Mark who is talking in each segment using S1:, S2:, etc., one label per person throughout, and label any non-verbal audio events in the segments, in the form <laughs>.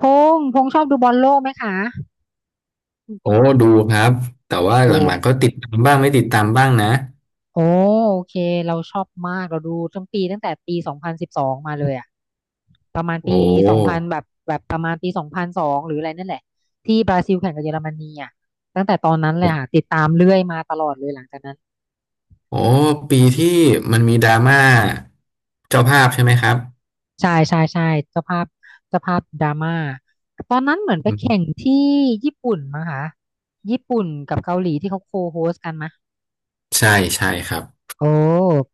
S1: พพงษ์ชอบดูบอลโลกไหมคะ
S2: โอ้ดูครับแต่ว่าห
S1: ดู
S2: ลังๆก็ติดตามบ้างไม่ติดตามบ้างนะ
S1: โอ้โอเคเราชอบมากเราดูตั้งแต่ปี2012มาเลยอะประมาณ
S2: โอ้
S1: ปีสองพันแบบประมาณปีสองพันสองหรืออะไรนั่นแหละที่บราซิลแข่งกับเยอรมนีอะตั้งแต่ตอนนั้นเลย
S2: โอ้
S1: ค่ะติดตามเรื่อยมาตลอดเลยหลังจากนั้น
S2: โอ้ปีที่มันมีดราม่าเจ้าภาพใช่ไหมครับ
S1: ใช่ใช่ใช่เจ้าภาพเจ้าภาพดราม่าตอนนั้นเหมือนไป
S2: อื
S1: แข่ง
S2: ม
S1: ที่ญี่ปุ่นมั้งคะญี่ปุ่นกับเกาหลีที่เขาโคโฮสกัน
S2: ใช่ใช่ครับ
S1: โอ้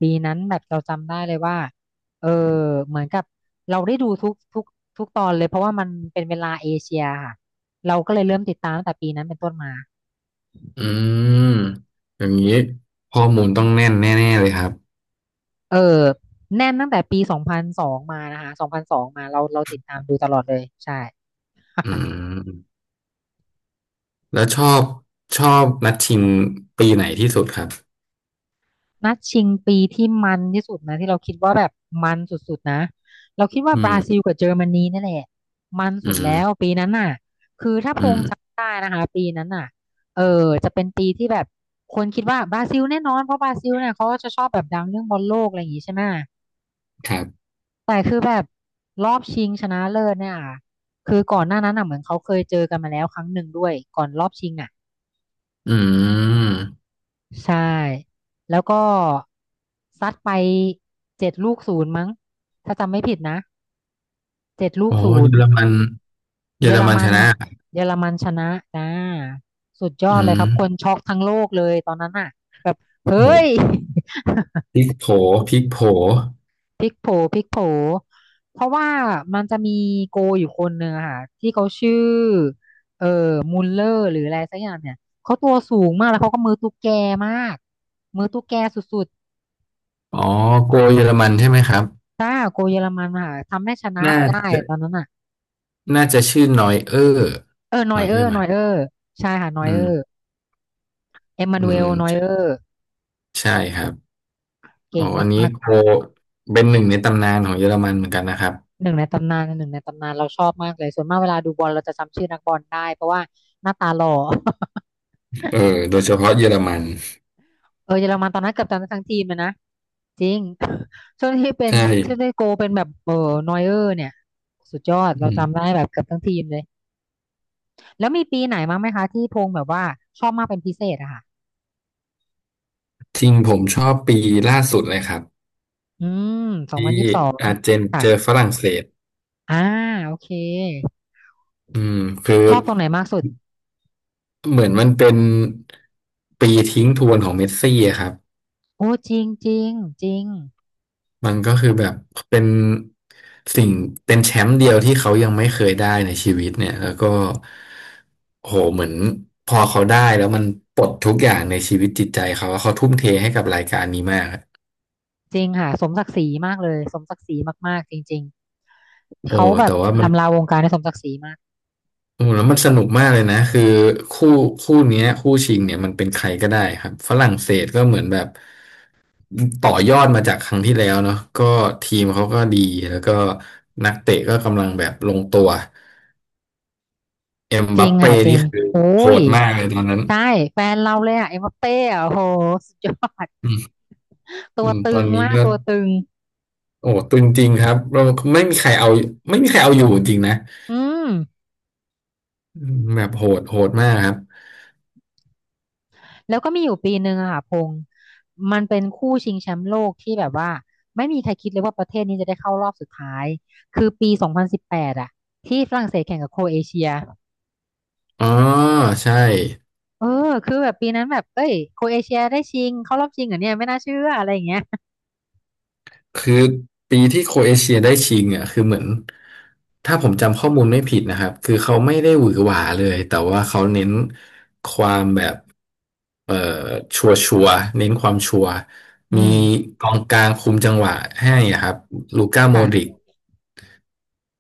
S1: ปีนั้นแบบเราจำได้เลยว่าเออเหมือนกับเราได้ดูทุกตอนเลยเพราะว่ามันเป็นเวลาเอเชียค่ะเราก็เลยเริ่มติดตามตั้งแต่ปีนั้นเป็นต้นมา
S2: อืมอย่างนี้ข้อมูลต้องแน่นแน่ๆเลยครับ
S1: เออแน่นตั้งแต่ปีสองพันสองมานะคะสองพันสองมาเราติดตามดูตลอดเลยใช่
S2: อื
S1: <laughs>
S2: มแล้วชอบชอบนัดชิงปีไหนที่สุดครับ
S1: นัดชิงปีที่มันที่สุดนะที่เราคิดว่าแบบมันสุดๆนะเราคิดว่า
S2: อื
S1: บ
S2: ม
S1: ราซิลกับเยอรมนีนั่นแหละมัน
S2: อื
S1: สุดแล้
S2: ม
S1: วปีนั้นน่ะคือถ้าพ
S2: อื
S1: ง
S2: ม
S1: จำได้นะคะปีนั้นน่ะจะเป็นปีที่แบบคนคิดว่าบราซิลแน่นอนเพราะบราซิลเนี่ยเขาก็จะชอบแบบดังเรื่องบอลโลกอะไรอย่างงี้ใช่ไหม
S2: ครับ
S1: แต่คือแบบรอบชิงชนะเลิศเนี่ยคือก่อนหน้านั้นน่ะเหมือนเขาเคยเจอกันมาแล้วครั้งหนึ่งด้วยก่อนรอบชิงอ่ะ
S2: อืม
S1: ใช่แล้วก็ซัดไปเจ็ดลูกศูนย์มั้งถ้าจำไม่ผิดนะเจ็ดลูก
S2: โอ้
S1: ศู
S2: เย
S1: น
S2: อ
S1: ย์
S2: รมันเย
S1: เย
S2: อ
S1: อ
S2: ร
S1: ร
S2: มัน
S1: มั
S2: ช
S1: น
S2: นะ
S1: เยอรมันชนะจ้าสุดยอ
S2: อื
S1: ดเลยค
S2: ม
S1: รับคนช็อกทั้งโลกเลยตอนนั้นน่ะแบบเฮ้
S2: โอ
S1: ย
S2: ้ พริกโผพริกโผ
S1: <laughs> พลิกโผพลิกโผเพราะว่ามันจะมีโกอยู่คนหนึ่งอะค่ะที่เขาชื่อเอ่อมุลเลอร์หรืออะไรสักอย่างเนี่ยเขาตัวสูงมากแล้วเขาก็มือตุ๊กแกมากมือตุ๊กแกสุดๆ
S2: อ๋อโกเยอรมันใช่ไหมครับ
S1: ใช่โกเยอรมันค่ะทำให้ชนะ
S2: น่า
S1: ไปได้
S2: จะ
S1: ตอนนั้นอ่ะ
S2: น่าจะชื่อนอยเออร์
S1: น
S2: น
S1: อย
S2: อย
S1: เอ
S2: เอ
S1: อ
S2: อร์
S1: ร์
S2: ไหม
S1: นอยเออร์ใช่ค่ะนอ
S2: อื
S1: ยเออร์
S2: ม
S1: เอ็มมา
S2: อื
S1: นูเอล
S2: ม
S1: นอยเออร์
S2: ใช่ครับ
S1: เก่
S2: อ๋อ
S1: ง
S2: อันนี้
S1: มาก
S2: โกเป็นหนึ่งในตำนานของเยอรมันเหมือนกันนะครับ
S1: ๆหนึ่งในตำนานหนึ่งในตำนานเราชอบมากเลยส่วนมากเวลาดูบอลเราจะจำชื่อนักบอลได้เพราะว่าหน้าตาหล่อ
S2: เออโดยเฉพาะเยอรมัน
S1: <laughs> เยอรมันตอนนั้นเกือบจะทั้งทีมเลยนะจริง <laughs> ช่วงที่เป็น
S2: ใช่
S1: ที่ได้โกลเป็นแบบนอยเออร์เนี่ยสุดยอด
S2: อื
S1: เรา
S2: ม
S1: จำได้แบบเกือบทั้งทีมเลยแล้วมีปีไหนมั้างไหมคะที่พงษ์แบบว่าชอบมากเป็นพิเศษอะค่ะ
S2: จริงผมชอบปีล่าสุดเลยครับ
S1: อืมสองพัน
S2: ที่
S1: ยี่สิบสอง
S2: อาร์เจน
S1: ค่ะ
S2: เจอฝรั่งเศส
S1: อ่าโอเค
S2: อืมคือ
S1: ชอบตรงไหนมากสุด
S2: เหมือนมันเป็นปีทิ้งทวนของเมสซี่อะครับ
S1: โอ้จริงจริงจริง
S2: มันก็คือแบบเป็นสิ่งเป็นแชมป์เดียวที่เขายังไม่เคยได้ในชีวิตเนี่ยแล้วก็โหเหมือนพอเขาได้แล้วมันปลดทุกอย่างในชีวิตจิตใจเขาว่าเขาทุ่มเทให้กับรายการนี้มากอะ
S1: จริงค่ะสมศักดิ์ศรีมากเลยสมศักดิ์ศรีมากๆจริงๆ
S2: โอ้
S1: เขาแบ
S2: แต่
S1: บ
S2: ว่ามัน
S1: ลำลาวงการในสมศักดิ์ศรีมาก
S2: โอ้แล้วมันสนุกมากเลยนะคือคู่คู่เนี้ยคู่ชิงเนี่ยมันเป็นใครก็ได้ครับฝรั่งเศสก็เหมือนแบบต่อยอดมาจากครั้งที่แล้วเนาะก็ทีมเขาก็ดีแล้วก็นักเตะก็กำลังแบบลงตัว เอ็ม
S1: จ
S2: บั
S1: ริ
S2: ป
S1: ง
S2: เป้
S1: ค่ะจริ
S2: นี่
S1: ง
S2: คือ
S1: โอ้
S2: โห
S1: ย
S2: ดมากเลยตอนนั้น
S1: ใช่แฟนเราเลยอ่ะเอ็มบัปเป้อะโอ้โหสุดยอด
S2: อืม
S1: ตั
S2: อื
S1: ว
S2: ม
S1: ตึ
S2: ตอน
S1: ง
S2: นี้
S1: มาก
S2: ก็
S1: ตัวตึง
S2: โอ้ตึงจริงครับเราไม่มีใครเอาไม่มีใครเอาอยู่จริงนะ
S1: อืม
S2: อืมแบบโหดมากครับ
S1: แล้วก็มีอยู่ปีหนึ่งอะค่ะพงษ์มันเป็นคู่ชิงแชมป์โลกที่แบบว่าไม่มีใครคิดเลยว่าประเทศนี้จะได้เข้ารอบสุดท้ายคือปี2018อะที่ฝรั่งเศสแข่งกับโครเอเชีย
S2: อ๋อ ใช่
S1: เออคือแบบปีนั้นแบบเอ้ยโครเอเชียได้ชิงเข้ารอบชิงเหรอเนี่ยไม่น่าเชื่ออะไรอย่างเงี้ย
S2: คือปีที่โครเอเชียได้ชิงอ่ะ คือเหมือนถ้าผมจำข้อมูลไม่ผิดนะครับ คือเขาไม่ได้หวือหวาเลย แต่ว่าเขาเน้นความแบบเอ่อชัวชัวเน้นความชัวร์
S1: อื
S2: มี
S1: ม
S2: กองกลางคุมจังหวะให้อะครับลูก้าโม
S1: ค่ะ
S2: ดริก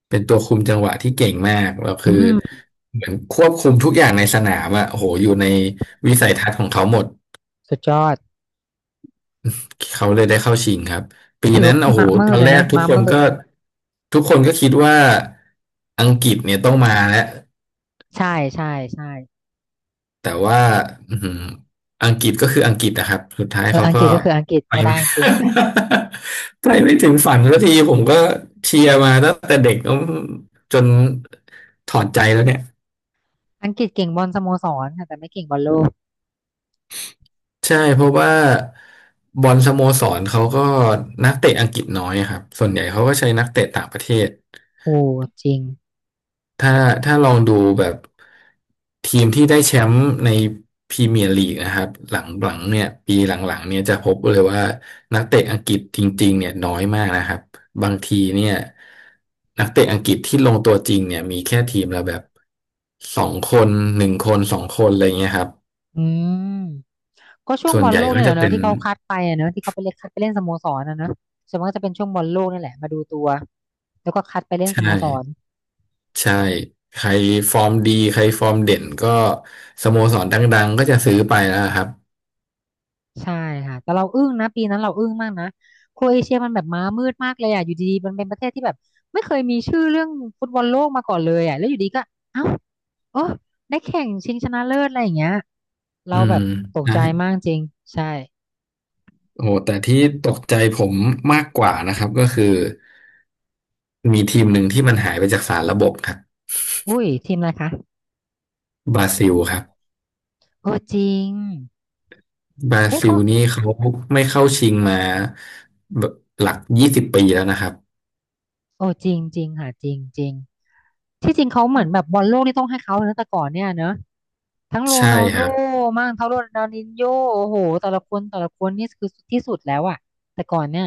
S2: เป็นตัวคุมจังหวะที่เก่งมากแล้ว
S1: อื
S2: คือ
S1: ม
S2: เหมือนควบคุมทุกอย่างในสนามอะโอ้โหอยู่ในวิสัยทัศน์ของเขาหมด
S1: สุดยอด
S2: เขาเลยได้เข้าชิงครับปี
S1: ถือ
S2: นั้
S1: ว่า
S2: น
S1: เป็น
S2: โอ้โห
S1: มามื
S2: ตอ
S1: ด
S2: น
S1: เล
S2: แร
S1: ยเน
S2: ก
S1: อะมามืด
S2: ทุกคนก็คิดว่าอังกฤษเนี่ยต้องมาแล้ว
S1: ใช่ใช่ใช่
S2: แต่ว่าอือหืออังกฤษก็คืออังกฤษนะครับสุดท้าย
S1: เออ
S2: เขา
S1: อังก
S2: ก็
S1: ฤษก็คืออังกฤษ
S2: ไป
S1: ไม่ได้
S2: ไม่
S1: จริง
S2: <laughs> ไปไม่ถึงฝันสักทีผมก็เชียร์มาตั้งแต่เด็กจนถอดใจแล้วเนี่ย
S1: อังกฤษเก่งบอลสโมสรค่ะแต่ไม่เก่งบอลโลก
S2: ใช่เพราะว่าบอลสโมสรเขาก็นักเตะอังกฤษน้อยอะครับส่วนใหญ่เขาก็ใช้นักเตะต่างประเทศ
S1: โอ้จริง
S2: ถ้าถ้าลองดูแบบทีมที่ได้แชมป์ในพรีเมียร์ลีกนะครับหลังๆเนี่ยปีหลังๆเนี่ยจะพบเลยว่านักเตะอังกฤษจริงๆเนี่ยน้อยมากนะครับบางทีเนี่ยนักเตะอังกฤษที่ลงตัวจริงเนี่ยมีแค่ทีมละแบบสองคนหนึ่งคนสองคนอะไรเงี้ยครับ
S1: อืมก็ช่วง
S2: ส่ว
S1: บ
S2: น
S1: อล
S2: ใหญ่
S1: โลก
S2: ก็
S1: นี่แห
S2: จะ
S1: ละเน
S2: เป็
S1: อะ
S2: น
S1: ที่เขาคัดไปอะเนอะที่เขาไปเล่นคัดไปเล่นสโมสรนะเนอะส่วนมากจะเป็นช่วงบอลโลกนี่แหละมาดูตัวแล้วก็คัดไปเล่นสโม
S2: ใช่
S1: สร
S2: ใช่ใครฟอร์มดีใครฟอร์มเด่นก็สโมสรดังๆก็จะซื้อไปแล้วครับ
S1: ใช่ค่ะแต่เราอึ้งนะปีนั้นเราอึ้งมากนะโครเอเชียมันแบบม้ามืดมากเลยอ่ะอยู่ดีๆมันเป็นประเทศที่แบบไม่เคยมีชื่อเรื่องฟุตบอลโลกมาก่อนเลยอ่ะแล้วอยู่ดีก็เอ้าโอ้ได้แข่งชิงชนะเลิศอะไรอย่างเงี้ยเรา
S2: อื
S1: แบ
S2: ม
S1: บตก
S2: ใช่
S1: ใจมากจริงใช่
S2: โอ้หแต่ที่ตกใจผมมากกว่านะครับก็คือมีทีมหนึ่งที่มันหายไปจากสารระบบครับ
S1: อุ้ยทีมอะไรคะ
S2: บราซิลครับ
S1: โอ้จริง
S2: บรา
S1: เอ๊ะ
S2: ซิ
S1: เขา
S2: ลนี่เขาไม่เข้าชิงมาแบบหลัก20 ปีแล้วนะครับ
S1: โอ้จริงจริงค่ะจริงจริงที่จริงเขาเหมือนแบบบอลโลกนี่ต้องให้เขาเลยนะแต่ก่อนเนี่ยเนอะทั้งโร
S2: ใช่
S1: นัลโด
S2: ครับ
S1: มั่งทั้งโรนัลดินโญโอ้โหแต่ละคนแต่ละคนนี่คือที่สุดแล้วอะแต่ก่อนเนี่ย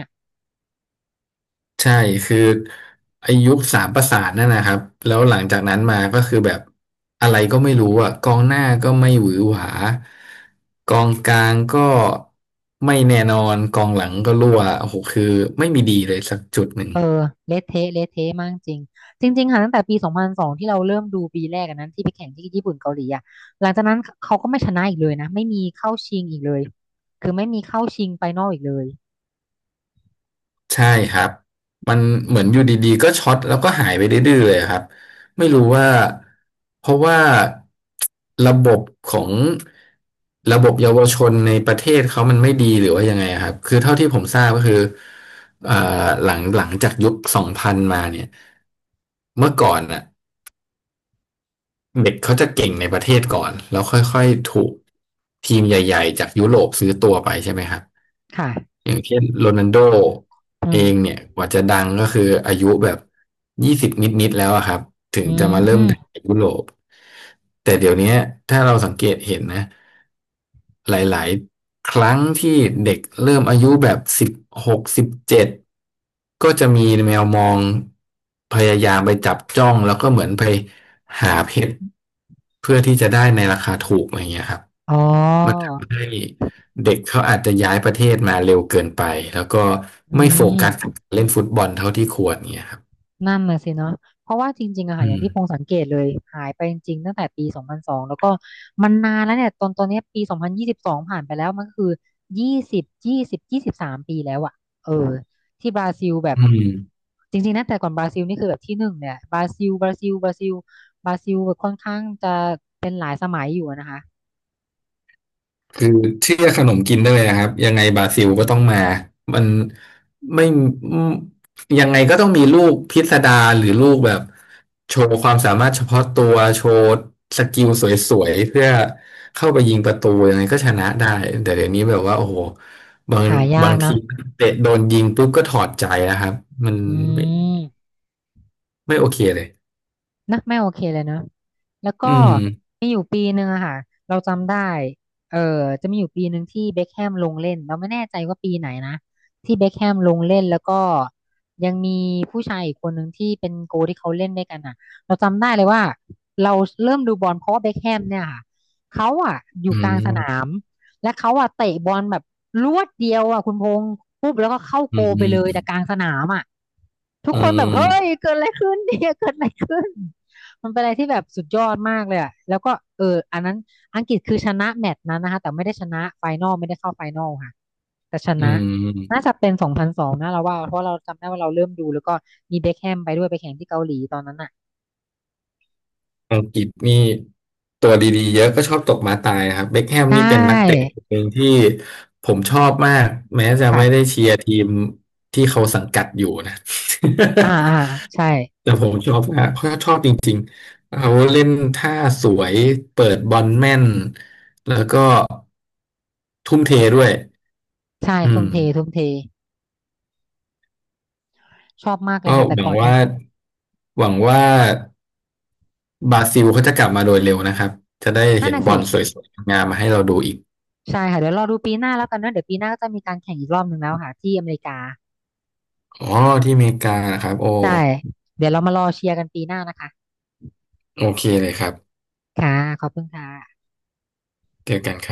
S2: ใช่คือไอ้ยุคสามประสานนั่นนะครับแล้วหลังจากนั้นมาก็คือแบบอะไรก็ไม่รู้อ่ะกองหน้าก็ไม่หวือหวากองกลางก็ไม่แน่นอนกองหลังก็รั่วโอ้โหคือไม่มีดีเลยสักจุดหนึ่ง
S1: เออเละเทะเละเทะมากจริงจริงๆค่ะตั้งแต่ปีสองพันสองที่เราเริ่มดูปีแรกอันนั้นที่ไปแข่งที่ญี่ปุ่นเกาหลีอะหลังจากนั้นเขาก็ไม่ชนะอีกเลยนะไม่มีเข้าชิงอีกเลยคือไม่มีเข้าชิงไฟนอลอีกเลย
S2: ใช่ครับ มันเหมือนอยู่ดีๆก็ช็อตแล้วก็หายไปดื้อๆเลยครับไม่รู้ว่าเพราะว่าระบบของระบบเยาวชนในประเทศเขามันไม่ดีหรือว่ายังไงครับคือเท่าที่ผมทราบก็คือเอ่อหลังจากยุค2000มาเนี่ย เมื่อก่อนน่ะเด็กเขาจะเก่งในประเทศก่อนแล้วค่อยๆถูกทีมใหญ่ๆจากยุโรปซื้อตัวไปใช่ไหมครับ
S1: ค่ะ
S2: อย่างเช่นโรนัลโด
S1: อื
S2: เอง
S1: ม
S2: เนี่ยกว่าจะดังก็คืออายุแบบยี่สิบนิดๆแล้วอะครับถึง
S1: อื
S2: จะมาเริ่ม
S1: ม
S2: ดังในยุโรปแต่เดี๋ยวเนี้ยถ้าเราสังเกตเห็นนะหลายๆครั้งที่เด็กเริ่มอายุแบบ16 17ก็จะมีแมวมองพยายามไปจับจ้องแล้วก็เหมือนไปหาเพชรเพื่อที่จะได้ในราคาถูกอะไรเงี้ยครับ
S1: อ๋
S2: มัน
S1: อ
S2: ทำให้เด็กเขาอาจจะย้ายประเทศมาเร็วเกินไป แล้วก็
S1: อื
S2: ไม่โฟ
S1: ม
S2: กัสกับการเล่นฟุตบอลเท่าที่ควรเงี้ยครับ
S1: นั่นน่ะสิเนาะเพราะว่าจริงๆอะค่ะ
S2: อื
S1: อย่า
S2: ม
S1: งที่พงสังเกตเลยหายไปจริงๆตั้งแต่ปีสองพันสองแล้วก็มันนานแล้วเนี่ยตอนเนี้ยปี2022ผ่านไปแล้วมันก็คือ23 ปีแล้วอะเออที่บราซิลแบบ
S2: อืม
S1: จริงๆนะแต่ก่อนบราซิลนี่คือแบบที่หนึ่งเนี่ยบราซิลบราซิลบราซิลบราซิลแบบค่อนข้างจะ
S2: คือเชื่อขนมกินได้เลยนะครับยังไงบราซิลก็ต้องมา มันไม่อืมยังไงก็ต้องมีลูกพิสดารหรือลูกแบบโชว์ความสามารถเฉพาะตัวโชว์สกิลสวยๆเพื่อเข้าไปยิงประตูยังไงก็ชนะได้แต่เดี๋ยวนี้แบบว่าโอ้โหบาง
S1: หายา
S2: บา
S1: ก
S2: งที
S1: นะ
S2: เตะโดนยิงปุ๊บก็ถอดใจนะครับมัน
S1: อื
S2: ไม่
S1: ม
S2: ไม่โอเคเลย
S1: นะไม่โอเคเลยเนอะแล้วก็
S2: อืม
S1: มีอยู่ปีหนึ่งอะค่ะเราจำได้เออจะมีอยู่ปีหนึ่งที่เบ็คแฮมลงเล่นเราไม่แน่ใจว่าปีไหนนะที่เบ็คแฮมลงเล่นแล้วก็ยังมีผู้ชายอีกคนหนึ่งที่เป็นโกที่เขาเล่นด้วยกันอะเราจำได้เลยว่าเราเริ่มดูบอลเพราะว่าเบ็คแฮมเนี่ยค่ะเขาอะอยู่
S2: อื
S1: กลางสนา
S2: ม
S1: มและเขาอะเตะบอลแบบลวดเดียวอะคุณพงษ์ปุ๊บแล้วก็เข้า
S2: อื
S1: โกไปเลยแต่ก
S2: ม
S1: ลางสนามอะทุก
S2: อื
S1: คนแบบเฮ้ย
S2: ม
S1: เกิดอะไรขึ้นเนี่ยเกิดอะไรขึ้น มันเป็นอะไรที่แบบสุดยอดมากเลยอะแล้วก็เอออันนั้นอังกฤษคือชนะแมตช์นั้นนะคะแต่ไม่ได้ชนะไฟนอลไม่ได้เข้าไฟนอลค่ะแต่ช
S2: อื
S1: นะ
S2: ม
S1: น่าจะเป็นสองพันสองนะเราว่าเพราะเราจำได้ว่าเราเริ่มดูแล้วก็มีเบ็คแฮมไปด้วยไปแข่งที่เกาหลีตอนนั้นอ่ะ
S2: อังกฤษนี่ตัวดีๆเยอะก็ชอบตกม้าตายครับเบ็คแฮม
S1: ใช
S2: นี่เป็นนักเตะ
S1: ่
S2: คนหนึ่งที่ผมชอบมากแม้จะไม่ได้
S1: ค่ะ
S2: เชียร์ทีมที่เขาสังกัดอยู่นะ <laughs>
S1: อ่าอ่าใช่
S2: แต่ผมชอบมากเพราะชอบจริงๆเขาเล่นท่าสวยเปิดบอลแม่นแล้วก็ทุ่มเทด้วย
S1: ใช่
S2: อื
S1: ทุ่
S2: ม
S1: มเททุ่มเทชอบมากเล
S2: ก็
S1: ยค่ะแต่
S2: หวั
S1: ก่
S2: ง
S1: อน
S2: ว่า
S1: นะ
S2: หวังว่าบราซิลเขาจะกลับมาโดยเร็วนะครับจะได้
S1: นั่น
S2: เห็น
S1: น่ะ
S2: บอ
S1: สิ
S2: ลสวยๆงามมาให้เราดูอีก
S1: ใช่ค่ะเดี๋ยวรอดูปีหน้าแล้วกันนะเดี๋ยวปีหน้าก็จะมีการแข่งอีกรอบหนึ่งแล้วค่ะที่อเมริกา
S2: อ๋อที่อเมริกานะครับโอ
S1: ใช่เดี๋ยวเรามารอเชียร์กันปีหน้านะคะ
S2: โอเคเลยครับ
S1: ค่ะขอบคุณค่ะ
S2: เจอกันครับ